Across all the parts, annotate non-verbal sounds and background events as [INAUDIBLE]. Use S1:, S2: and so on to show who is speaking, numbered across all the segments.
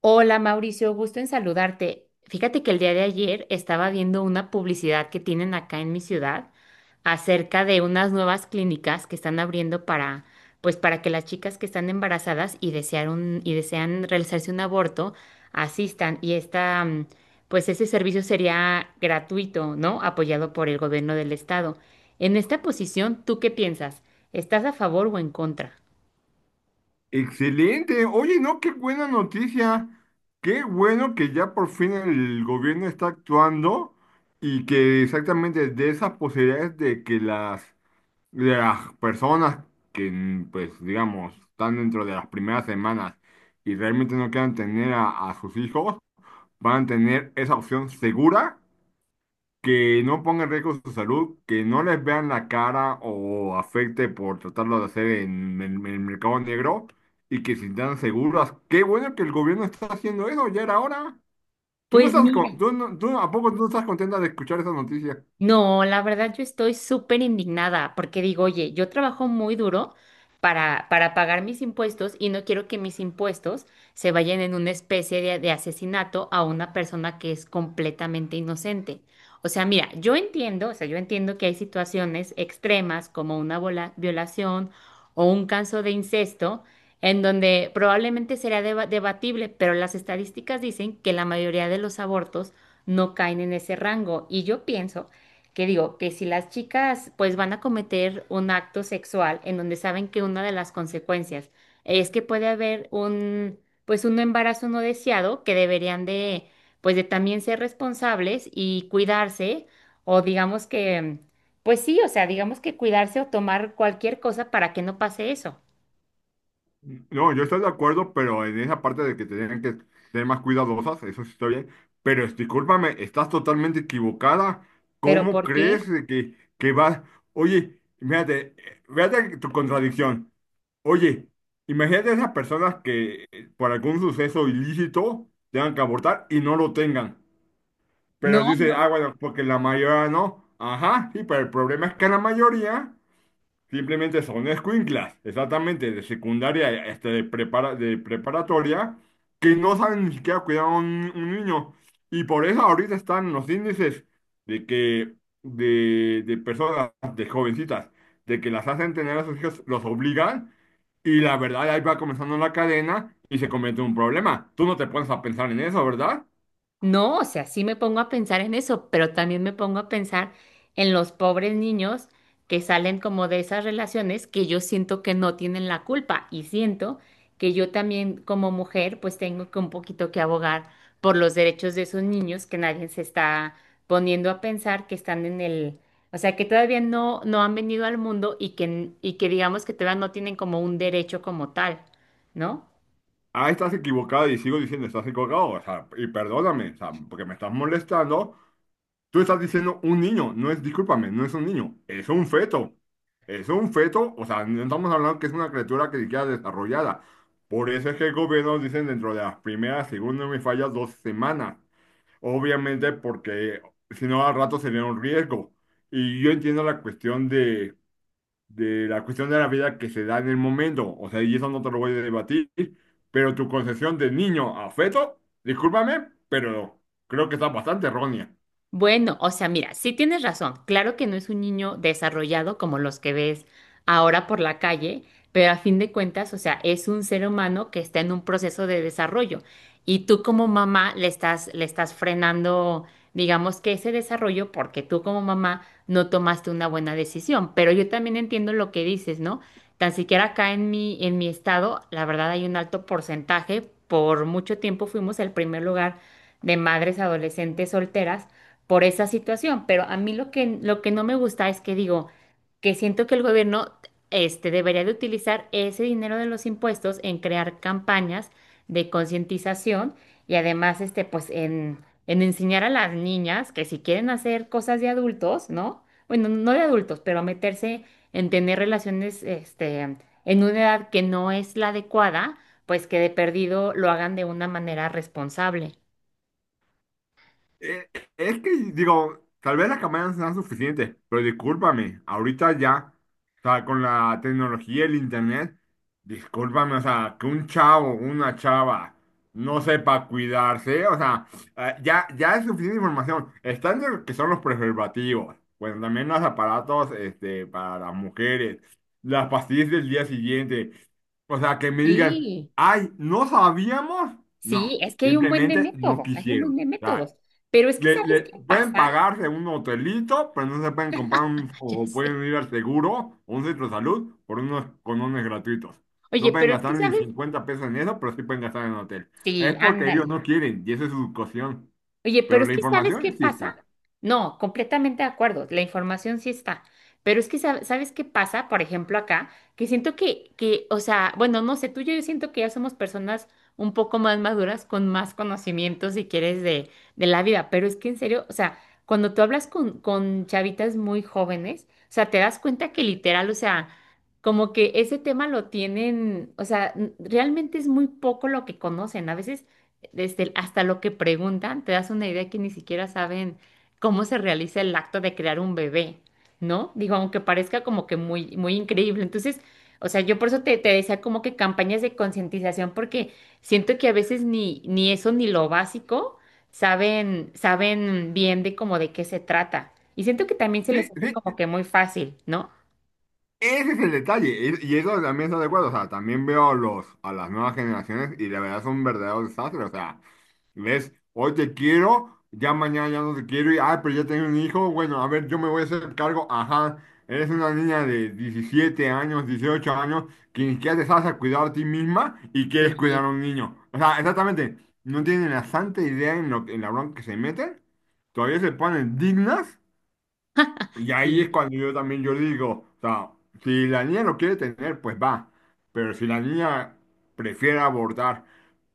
S1: Hola Mauricio, gusto en saludarte. Fíjate que el día de ayer estaba viendo una publicidad que tienen acá en mi ciudad acerca de unas nuevas clínicas que están abriendo para, pues para que las chicas que están embarazadas y desean realizarse un aborto asistan. Y esta, pues ese servicio sería gratuito, ¿no? Apoyado por el gobierno del estado. En esta posición, ¿tú qué piensas? ¿Estás a favor o en contra?
S2: Excelente. Oye, no, qué buena noticia. Qué bueno que ya por fin el gobierno está actuando y que exactamente de esas posibilidades de de las personas que, pues, digamos, están dentro de las primeras semanas y realmente no quieran tener a sus hijos, van a tener esa opción segura que no ponga en riesgo su salud, que no les vean la cara o afecte por tratarlo de hacer en el mercado negro y que se sientan seguras. Qué bueno que el gobierno está haciendo eso, ya era hora. ¿Tú no
S1: Pues
S2: estás, con-
S1: mira.
S2: tú no- tú- ¿A poco tú no estás contenta de escuchar esa noticia?
S1: No, la verdad yo estoy súper indignada porque digo, oye, yo trabajo muy duro para pagar mis impuestos y no quiero que mis impuestos se vayan en una especie de asesinato a una persona que es completamente inocente. O sea, mira, yo entiendo, o sea, yo entiendo que hay situaciones extremas como una violación o un caso de incesto en donde probablemente será debatible, pero las estadísticas dicen que la mayoría de los abortos no caen en ese rango y yo pienso que digo, que si las chicas pues van a cometer un acto sexual en donde saben que una de las consecuencias es que puede haber un pues un embarazo no deseado que deberían de pues de también ser responsables y cuidarse o digamos que pues sí, o sea, digamos que cuidarse o tomar cualquier cosa para que no pase eso.
S2: No, yo estoy de acuerdo, pero en esa parte de que tienen que ser más cuidadosas, eso sí está bien. Discúlpame, estás totalmente equivocada.
S1: Pero
S2: ¿Cómo
S1: ¿por qué?
S2: crees de que vas? Oye, fíjate, fíjate tu contradicción. Oye, imagínate esas personas que por algún suceso ilícito tengan que abortar y no lo tengan. Pero dice,
S1: No.
S2: ah, bueno, porque la mayoría no. Ajá, sí, pero el problema es que la mayoría simplemente son escuinclas, exactamente, de secundaria, este, de preparatoria, que no saben ni siquiera cuidar a un niño. Y por eso ahorita están los índices de que, de personas, de jovencitas, de que las hacen tener a sus hijos, los obligan. Y la verdad, ahí va comenzando la cadena y se convierte en un problema. Tú no te pones a pensar en eso, ¿verdad?
S1: No, o sea, sí me pongo a pensar en eso, pero también me pongo a pensar en los pobres niños que salen como de esas relaciones que yo siento que no tienen la culpa y siento que yo también como mujer pues tengo que un poquito que abogar por los derechos de esos niños que nadie se está poniendo a pensar que están en el, o sea, que todavía no han venido al mundo y que digamos que todavía no tienen como un derecho como tal, ¿no?
S2: Ah, estás equivocado y sigo diciendo, estás equivocado. O sea, y perdóname, o sea, porque me estás molestando. Tú estás diciendo un niño, no es, discúlpame, no es un niño, es un feto. Es un feto, o sea, no estamos hablando que es una criatura que ni siquiera desarrollada. Por eso es que el gobierno dicen dentro de las primeras, según no me falla, 2 semanas. Obviamente porque si no al rato sería un riesgo. Y yo entiendo la cuestión de la cuestión de la vida que se da en el momento. O sea, y eso no te lo voy a debatir, pero tu concepción de niño a feto, discúlpame, pero creo que está bastante errónea.
S1: Bueno, o sea, mira, sí tienes razón. Claro que no es un niño desarrollado como los que ves ahora por la calle, pero a fin de cuentas, o sea, es un ser humano que está en un proceso de desarrollo y tú como mamá le estás frenando, digamos que ese desarrollo porque tú como mamá no tomaste una buena decisión. Pero yo también entiendo lo que dices, ¿no? Tan siquiera acá en mi estado, la verdad hay un alto porcentaje. Por mucho tiempo fuimos el primer lugar de madres adolescentes solteras por esa situación, pero a mí lo que no me gusta es que digo que siento que el gobierno este, debería de utilizar ese dinero de los impuestos en crear campañas de concientización y además este, pues en enseñar a las niñas que si quieren hacer cosas de adultos, ¿no? Bueno, no de adultos, pero meterse en tener relaciones este, en una edad que no es la adecuada, pues que de perdido lo hagan de una manera responsable.
S2: Eh, es que, digo, tal vez las campañas sean suficientes, pero discúlpame, ahorita ya, o sea, con la tecnología y el internet, discúlpame, o sea, que un chavo, una chava, no sepa cuidarse, o sea, ya es suficiente información. Están lo que son los preservativos, bueno, también los aparatos, este, para las mujeres, las pastillas del día siguiente, o sea, que me digan,
S1: Sí.
S2: ay, ¿no sabíamos?
S1: Sí,
S2: No,
S1: es que hay un buen de
S2: simplemente no
S1: métodos, hay un
S2: quisieron.
S1: buen de
S2: O sea,
S1: métodos. Pero es que, ¿sabes qué
S2: pueden
S1: pasa? [LAUGHS]
S2: pagarse un hotelito, pero no se pueden comprar un,
S1: Ya
S2: o
S1: sé.
S2: pueden ir al seguro o un centro de salud por unos conones gratuitos. No
S1: Oye,
S2: pueden
S1: pero es que,
S2: gastar ni
S1: ¿sabes?
S2: 50 pesos en eso, pero sí pueden gastar en hotel.
S1: Sí,
S2: Es porque ellos
S1: ándale.
S2: no quieren y esa es su cocción.
S1: Oye, pero
S2: Pero
S1: es
S2: la
S1: que ¿sabes
S2: información
S1: qué
S2: sí
S1: pasa?
S2: está.
S1: No, completamente de acuerdo, la información sí está, pero es que ¿sabes qué pasa? Por ejemplo, acá, que siento o sea, bueno, no sé, tú y yo siento que ya somos personas un poco más maduras, con más conocimiento, si quieres, de la vida, pero es que en serio, o sea, cuando tú hablas con chavitas muy jóvenes, o sea, te das cuenta que literal, o sea, como que ese tema lo tienen, o sea, realmente es muy poco lo que conocen, a veces hasta lo que preguntan, te das una idea que ni siquiera saben cómo se realiza el acto de crear un bebé, ¿no? Digo, aunque parezca como que muy, muy increíble. Entonces, o sea, yo por eso te decía como que campañas de concientización, porque siento que a veces ni eso ni lo básico saben, saben bien de como de qué se trata. Y siento que también se les
S2: Sí,
S1: hace
S2: sí,
S1: como que muy fácil, ¿no?
S2: ese es el detalle, y eso también estoy de acuerdo, o sea, también veo a las nuevas generaciones y la verdad son verdaderos desastres, o sea, ves, hoy te quiero, ya mañana ya no te quiero, y, ah, pero ya tengo un hijo, bueno, a ver, yo me voy a hacer cargo, ajá, eres una niña de 17 años, 18 años, que ni siquiera te sabes a cuidar a ti misma y quieres
S1: Y,
S2: cuidar a un niño, o sea, exactamente, no tienen la santa idea en, lo, en la bronca que se meten, todavía se ponen dignas y ahí es
S1: y-
S2: cuando yo también yo digo, o sea, si la niña lo quiere tener, pues va, pero si la niña prefiere abordar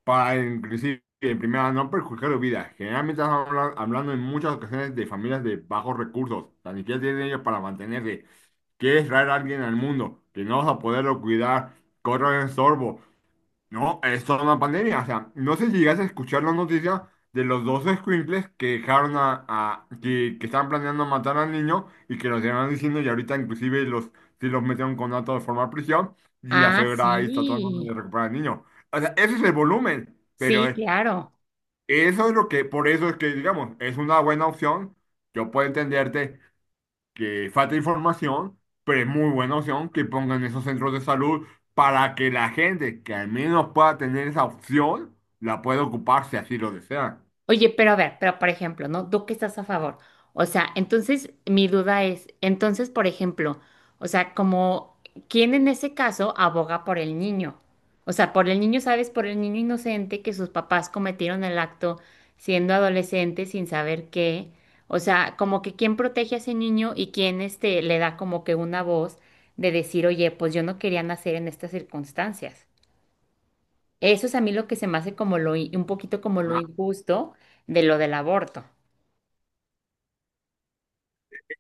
S2: para inclusive, en primera, no perjudicar su vida, generalmente estamos hablando en muchas ocasiones de familias de bajos recursos, o sea, ni siquiera tienen ellos para mantenerse, quieres traer a alguien al mundo, que no vas a poderlo cuidar, corre el sorbo, no, es toda una pandemia. O sea, no sé si llegas a escuchar la noticia de los 2 escuincles que dejaron que estaban planeando matar al niño y que los llevan diciendo y ahorita inclusive los, sí los metieron con datos de forma prisión y la
S1: ah,
S2: suegra ahí está tratando de
S1: sí,
S2: recuperar al niño. O sea, ese es el volumen, pero
S1: sí, claro.
S2: eso es lo que, por eso es que, digamos, es una buena opción. Yo puedo entenderte que falta información, pero es muy buena opción que pongan esos centros de salud para que la gente que al menos pueda tener esa opción la pueda ocupar si así lo desea.
S1: Oye, pero a ver, pero por ejemplo, ¿no? ¿Tú qué estás a favor? O sea, entonces mi duda es, entonces, por ejemplo, o sea, como, ¿quién en ese caso aboga por el niño? O sea, por el niño, ¿sabes? Por el niño inocente que sus papás cometieron el acto siendo adolescente sin saber qué. O sea, como que quién protege a ese niño y quién este, le da como que una voz de decir, oye, pues yo no quería nacer en estas circunstancias. Eso es a mí lo que se me hace como lo, un poquito como lo injusto de lo del aborto.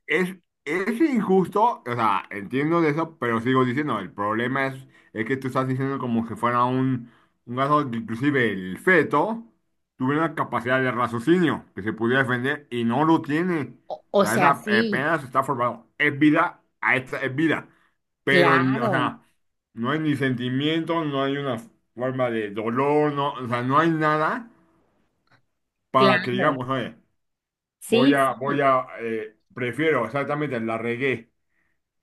S2: Es, es injusto, o sea, entiendo de eso, pero sigo diciendo, el problema es que tú estás diciendo como que fuera un caso que inclusive el feto tuviera una capacidad de raciocinio que se pudiera defender y no lo tiene. O sea, esa
S1: Sí,
S2: apenas está formado. Es vida, a esta es vida. O sea,
S1: claro,
S2: no hay ni sentimiento, no hay una forma de dolor, no, o sea, no hay nada para que
S1: claro.
S2: digamos, oye,
S1: Sí, sí.
S2: prefiero exactamente la regué.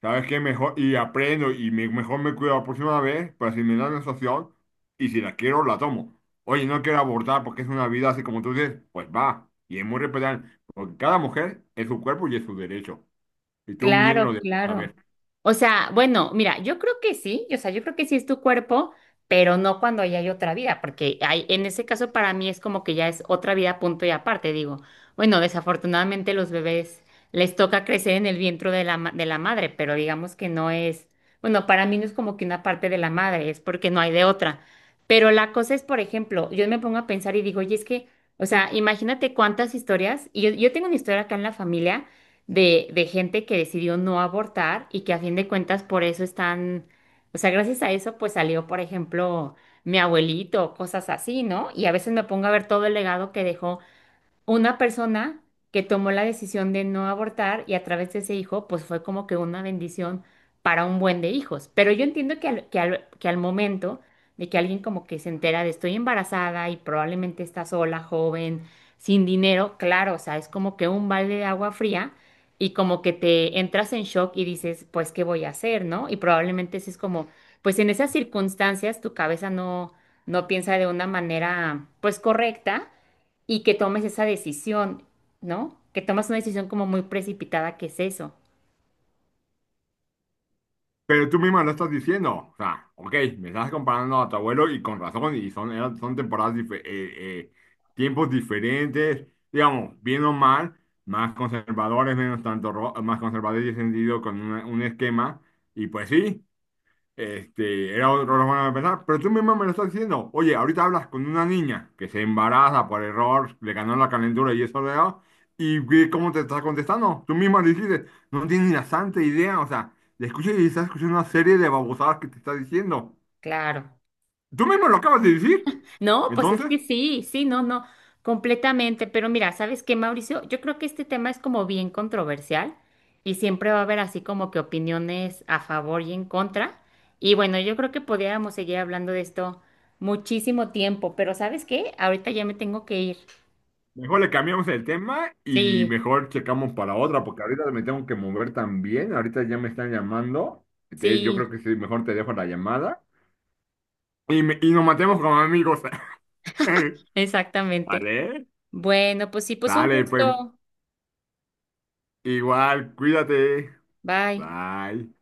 S2: ¿Sabes qué? Mejor, y aprendo y mejor me cuido la próxima vez para si me da la situación y si la quiero, la tomo. Oye, no quiero abortar porque es una vida así como tú dices, pues va. Y es muy respetable, porque cada mujer es su cuerpo y es su derecho. Y tú bien lo
S1: Claro,
S2: debes
S1: claro.
S2: saber.
S1: O sea, bueno, mira, yo creo que sí, o sea, yo creo que sí es tu cuerpo, pero no cuando ya hay otra vida, porque hay, en ese caso para mí es como que ya es otra vida punto y aparte, digo, bueno, desafortunadamente los bebés les toca crecer en el vientre de la, de la madre, pero digamos que no es, bueno, para mí no es como que una parte de la madre, es porque no hay de otra. Pero la cosa es, por ejemplo, yo me pongo a pensar y digo, oye, es que, o sea, imagínate cuántas historias, y yo tengo una historia acá en la familia de gente que decidió no abortar y que a fin de cuentas por eso están, o sea, gracias a eso pues salió, por ejemplo, mi abuelito, cosas así, ¿no? Y a veces me pongo a ver todo el legado que dejó una persona que tomó la decisión de no abortar y a través de ese hijo, pues fue como que una bendición para un buen de hijos. Pero yo entiendo que al momento de que alguien como que se entera de estoy embarazada y probablemente está sola, joven, sin dinero, claro, o sea, es como que un balde de agua fría y como que te entras en shock y dices, pues, ¿qué voy a hacer, no? Y probablemente ese es como, pues en esas circunstancias tu cabeza no piensa de una manera, pues, correcta y que tomes esa decisión, ¿no? Que tomas una decisión como muy precipitada, ¿qué es eso?
S2: Pero tú misma lo estás diciendo. O sea, ok, me estás comparando a tu abuelo y con razón, son temporadas, tiempos diferentes, digamos, bien o mal, más conservadores, menos tanto, más conservadores y sentido con un esquema. Y pues sí. Este, era otra forma de pensar, pero tú mismo me lo estás diciendo. Oye, ahorita hablas con una niña que se embaraza por error, le ganó la calentura y eso le da, y ve cómo te está contestando. Tú mismo le dijiste, no tienes ni la santa idea, o sea, le escuchas y estás escuchando una serie de babosadas que te está diciendo.
S1: Claro.
S2: Tú mismo lo acabas de decir.
S1: No, pues es
S2: Entonces,
S1: que sí, sí, no, no, completamente. Pero mira, ¿sabes qué, Mauricio? Yo creo que este tema es como bien controversial y siempre va a haber así como que opiniones a favor y en contra. Y bueno, yo creo que podríamos seguir hablando de esto muchísimo tiempo, pero ¿sabes qué? Ahorita ya me tengo que ir.
S2: mejor le cambiamos el tema y
S1: Sí,
S2: mejor checamos para otra, porque ahorita me tengo que mover también. Ahorita ya me están llamando. Entonces, yo creo
S1: sí,
S2: que sí, mejor te dejo la llamada y, y nos matemos como amigos. [LAUGHS] [LAUGHS]
S1: exactamente.
S2: Vale,
S1: Bueno, pues sí, pues un
S2: dale, pues
S1: gusto.
S2: igual, cuídate.
S1: Bye.
S2: Bye.